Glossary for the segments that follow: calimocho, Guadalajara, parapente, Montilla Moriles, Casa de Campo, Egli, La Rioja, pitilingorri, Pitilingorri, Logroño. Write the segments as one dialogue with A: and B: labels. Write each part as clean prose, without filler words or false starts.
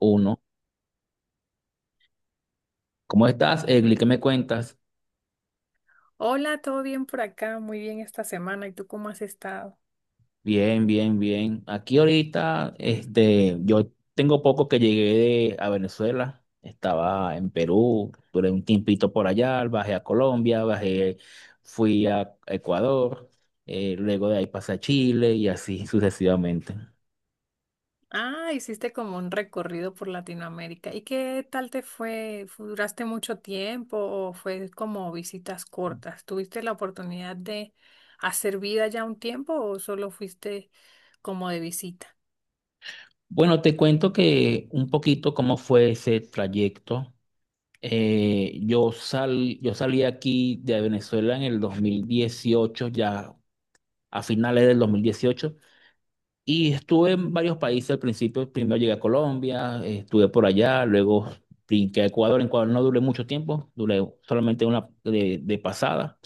A: Uno. ¿Cómo estás, Egli? ¿Qué me cuentas?
B: Hola, ¿todo bien por acá? Muy bien esta semana. ¿Y tú cómo has estado?
A: Bien, bien, bien. Aquí ahorita, yo tengo poco que llegué a Venezuela. Estaba en Perú, duré un tiempito por allá, bajé a Colombia, bajé, fui a Ecuador, luego de ahí pasé a Chile y así sucesivamente.
B: Ah, hiciste como un recorrido por Latinoamérica. ¿Y qué tal te fue? ¿Duraste mucho tiempo o fue como visitas cortas? ¿Tuviste la oportunidad de hacer vida ya un tiempo o solo fuiste como de visita?
A: Bueno, te cuento que un poquito cómo fue ese trayecto. Yo salí aquí de Venezuela en el 2018 ya a finales del 2018, y estuve en varios países al principio. Primero llegué a Colombia, estuve por allá, luego brinqué a Ecuador. En Ecuador no duré mucho tiempo, duré solamente una de pasada.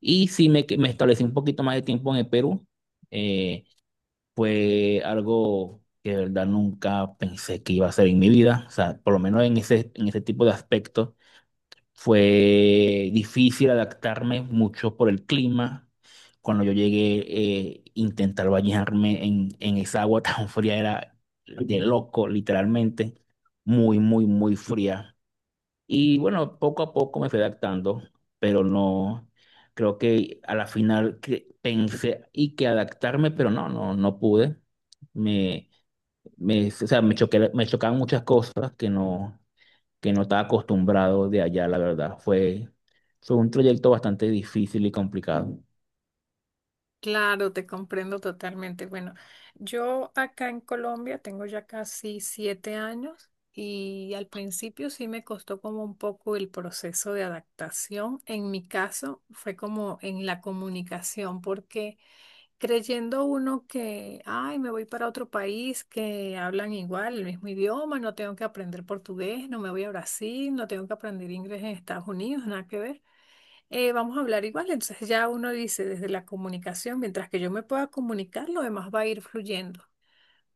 A: Y sí me establecí un poquito más de tiempo en el Perú. eh, Fue algo que de verdad nunca pensé que iba a hacer en mi vida, o sea, por lo menos en ese tipo de aspectos fue difícil adaptarme mucho por el clima. Cuando yo llegué, intentar bañarme en esa agua tan fría era de loco, literalmente. Muy, muy, muy fría. Y bueno, poco a poco me fui adaptando, pero no, creo que a la final que pensé y que adaptarme, pero no pude. Me, o sea, me chocaban muchas cosas que que no estaba acostumbrado de allá, la verdad. Fue un trayecto bastante difícil y complicado.
B: Claro, te comprendo totalmente. Bueno, yo acá en Colombia tengo ya casi 7 años y al principio sí me costó como un poco el proceso de adaptación. En mi caso fue como en la comunicación, porque creyendo uno que, ay, me voy para otro país que hablan igual, el mismo idioma, no tengo que aprender portugués, no me voy a Brasil, no tengo que aprender inglés en Estados Unidos, nada que ver. Vamos a hablar igual. Entonces ya uno dice desde la comunicación, mientras que yo me pueda comunicar, lo demás va a ir fluyendo,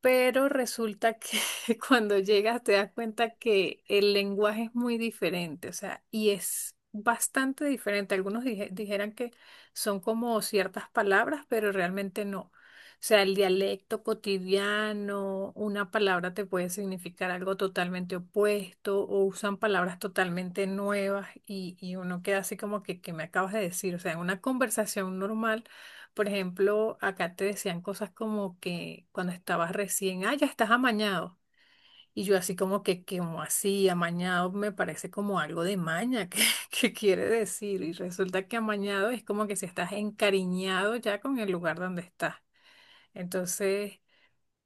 B: pero resulta que cuando llegas te das cuenta que el lenguaje es muy diferente, o sea, y es bastante diferente. Algunos dijeran que son como ciertas palabras, pero realmente no. O sea, el dialecto cotidiano, una palabra te puede significar algo totalmente opuesto o usan palabras totalmente nuevas y uno queda así como que me acabas de decir. O sea, en una conversación normal. Por ejemplo, acá te decían cosas como que cuando estabas recién, ah, ya estás amañado. Y yo así como que, como así, amañado me parece como algo de maña, que quiere decir. Y resulta que amañado es como que si estás encariñado ya con el lugar donde estás. Entonces,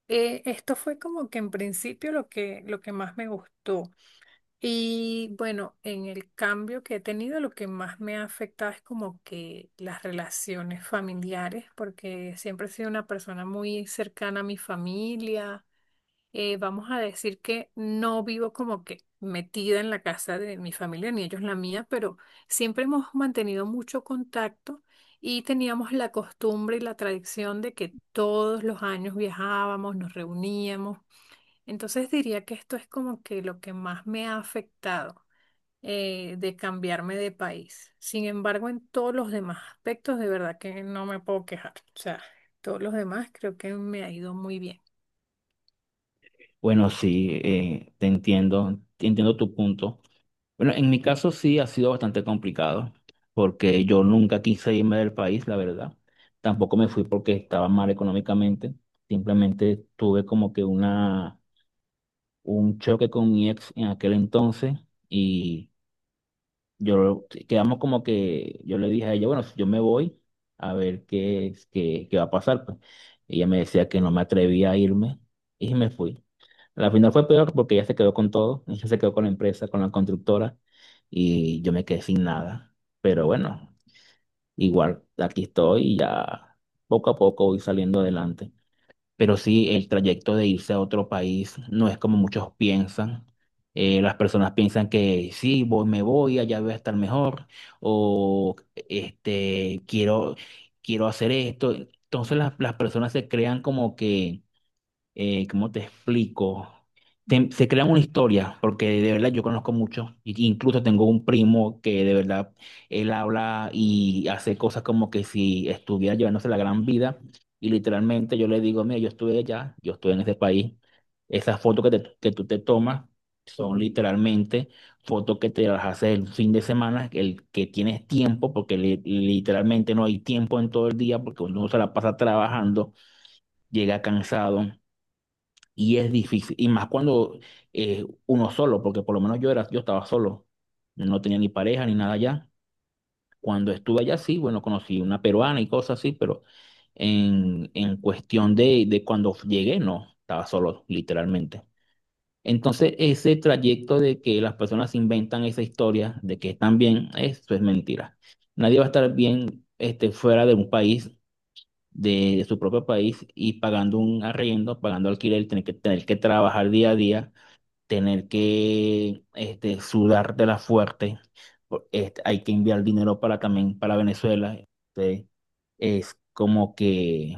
B: esto fue como que en principio lo que más me gustó. Y bueno, en el cambio que he tenido, lo que más me ha afectado es como que las relaciones familiares, porque siempre he sido una persona muy cercana a mi familia. Vamos a decir que no vivo como que metida en la casa de mi familia, ni ellos la mía, pero siempre hemos mantenido mucho contacto y teníamos la costumbre y la tradición de que todos los años viajábamos, nos reuníamos. Entonces diría que esto es como que lo que más me ha afectado, de cambiarme de país. Sin embargo, en todos los demás aspectos, de verdad que no me puedo quejar. O sea, todos los demás creo que me ha ido muy bien.
A: Bueno, sí, te entiendo tu punto. Bueno, en mi caso sí ha sido bastante complicado, porque yo nunca quise irme del país, la verdad. Tampoco me fui porque estaba mal económicamente. Simplemente tuve como que un choque con mi ex en aquel entonces y yo quedamos como que yo le dije a ella, bueno, si yo me voy a ver qué va a pasar, pues. Ella me decía que no me atrevía a irme y me fui. La final fue peor porque ella se quedó con todo, ella se quedó con la empresa, con la constructora y yo me quedé sin nada. Pero bueno, igual aquí estoy y ya poco a poco voy saliendo adelante. Pero sí, el trayecto de irse a otro país no es como muchos piensan. Las personas piensan que sí, voy, me voy, allá voy a estar mejor, o este, quiero, quiero hacer esto. Entonces las personas se crean como que ¿cómo te explico? Se crean una historia, porque de verdad yo conozco mucho, incluso tengo un primo que de verdad él habla y hace cosas como que si estuviera llevándose la gran vida, y literalmente yo le digo, mira, yo estuve allá, yo estuve en ese país, esas fotos que tú te tomas son literalmente fotos que te las haces el fin de semana, el que tienes tiempo, porque literalmente no hay tiempo en todo el día, porque uno se la pasa trabajando, llega cansado. Y es difícil, y más cuando uno solo, porque por lo menos yo estaba solo, no tenía ni pareja ni nada allá. Cuando estuve allá, sí, bueno, conocí una peruana y cosas así, pero en cuestión de cuando llegué, no, estaba solo, literalmente. Entonces, ese trayecto de que las personas inventan esa historia de que están bien, eso es mentira. Nadie va a estar bien fuera de un país, de su propio país, y pagando un arriendo, pagando alquiler, tener que trabajar día a día, tener que sudártela fuerte. Hay que enviar dinero para también para Venezuela. Es como que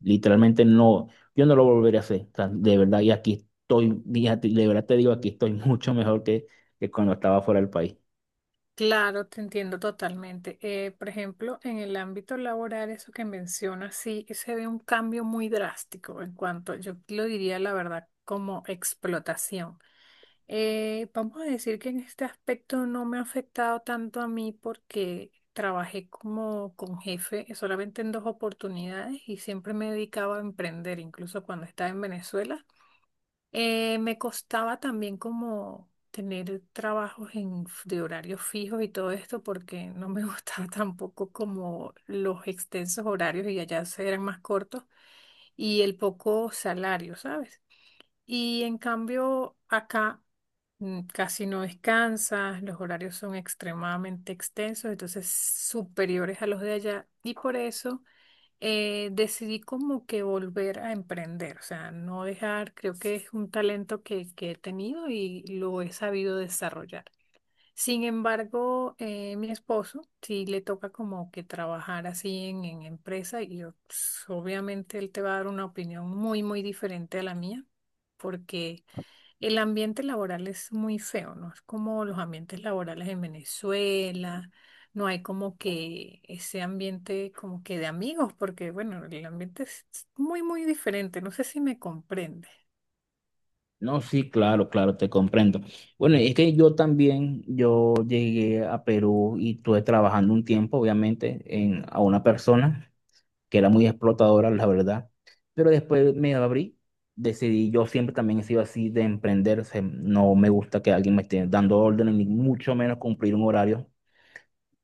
A: literalmente no, yo no lo volveré a hacer. O sea, de verdad, y aquí estoy, fíjate, de verdad te digo, aquí estoy mucho mejor que cuando estaba fuera del país.
B: Claro, te entiendo totalmente. Por ejemplo, en el ámbito laboral, eso que mencionas, sí, se ve un cambio muy drástico en cuanto, yo lo diría la verdad, como explotación. Vamos a decir que en este aspecto no me ha afectado tanto a mí porque trabajé como con jefe solamente en 2 oportunidades y siempre me dedicaba a emprender, incluso cuando estaba en Venezuela. Me costaba también como tener trabajos en, de horarios fijos y todo esto porque no me gustaba tampoco como los extensos horarios y allá se eran más cortos y el poco salario, ¿sabes? Y en cambio, acá casi no descansas, los horarios son extremadamente extensos, entonces superiores a los de allá. Y por eso decidí como que volver a emprender, o sea, no dejar, creo que es un talento que he tenido y lo he sabido desarrollar. Sin embargo, mi esposo sí le toca como que trabajar así en empresa y yo, pues, obviamente él te va a dar una opinión muy, muy diferente a la mía, porque el ambiente laboral es muy feo, ¿no? Es como los ambientes laborales en Venezuela, no hay como que ese ambiente como que de amigos, porque bueno, el ambiente es muy, muy diferente, no sé si me comprende.
A: No, sí, claro, claro, te comprendo. Bueno, es que yo también, yo llegué a Perú y estuve trabajando un tiempo, obviamente, a una persona que era muy explotadora, la verdad. Pero después me abrí, decidí, yo siempre también he sido así de emprender, o sea, no me gusta que alguien me esté dando órdenes, ni mucho menos cumplir un horario.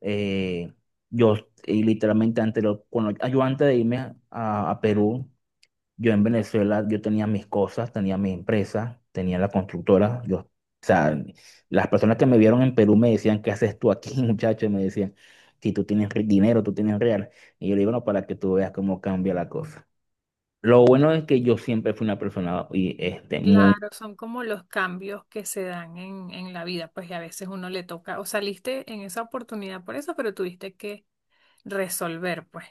A: Eh, yo, y literalmente, yo antes de irme a Perú, yo en Venezuela, yo tenía mis cosas, tenía mi empresa, tenía la constructora. O sea, las personas que me vieron en Perú me decían, ¿qué haces tú aquí, muchacho? Y me decían, si tú tienes dinero, tú tienes real. Y yo le digo, no, para que tú veas cómo cambia la cosa. Lo bueno es que yo siempre fui una persona y, muy.
B: Claro, son como los cambios que se dan en la vida, pues y a veces uno le toca, o saliste en esa oportunidad por eso, pero tuviste que resolver, pues.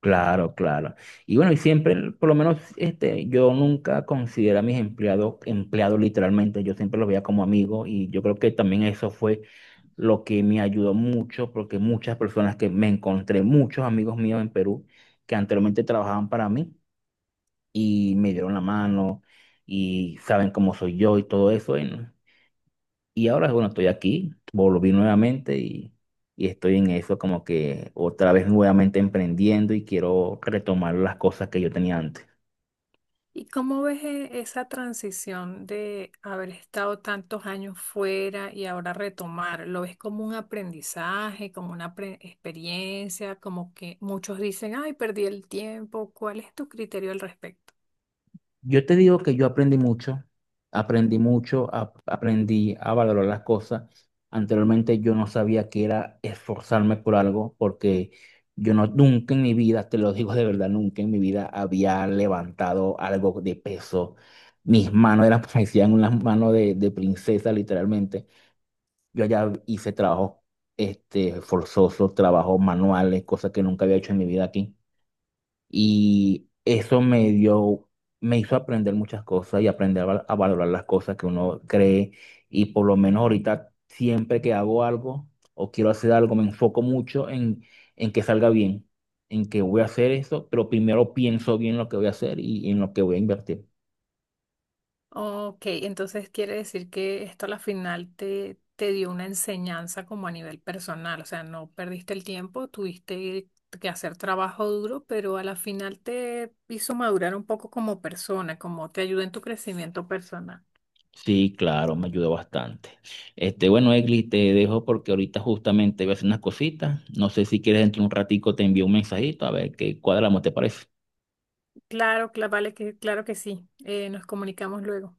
A: Claro, claro. Y bueno, y siempre, por lo menos, yo nunca considero a mis empleados empleados literalmente, yo siempre los veía como amigos y yo creo que también eso fue lo que me ayudó mucho porque muchas personas que me encontré, muchos amigos míos en Perú que anteriormente trabajaban para mí y me dieron la mano y saben cómo soy yo y todo eso, y no. Y ahora, bueno, estoy aquí, volví nuevamente y estoy en eso como que otra vez nuevamente emprendiendo y quiero retomar las cosas que yo tenía antes.
B: ¿Y cómo ves esa transición de haber estado tantos años fuera y ahora retomar? ¿Lo ves como un aprendizaje, como una experiencia, como que muchos dicen, ay, perdí el tiempo? ¿Cuál es tu criterio al respecto?
A: Yo te digo que yo aprendí mucho, aprendí mucho, aprendí a valorar las cosas. Anteriormente yo no sabía que era esforzarme por algo porque yo no, nunca en mi vida, te lo digo de verdad, nunca en mi vida había levantado algo de peso. Mis manos eran, parecían unas manos de princesa, literalmente. Yo allá hice trabajo forzoso, trabajos manuales, cosas que nunca había hecho en mi vida aquí. Y eso me hizo aprender muchas cosas y aprender a valorar las cosas que uno cree. Y por lo menos ahorita, siempre que hago algo o quiero hacer algo, me enfoco mucho en que salga bien, en que voy a hacer eso, pero primero pienso bien lo que voy a hacer y en lo que voy a invertir.
B: Ok, entonces quiere decir que esto a la final te, te dio una enseñanza como a nivel personal, o sea, no perdiste el tiempo, tuviste que hacer trabajo duro, pero a la final te hizo madurar un poco como persona, como te ayudó en tu crecimiento personal.
A: Sí, claro, me ayudó bastante. Bueno, Egli, te dejo porque ahorita justamente voy a hacer unas cositas. No sé si quieres dentro de un ratico te envío un mensajito a ver qué cuadramos, ¿te parece?
B: Claro, vale que, claro que sí. Nos comunicamos luego.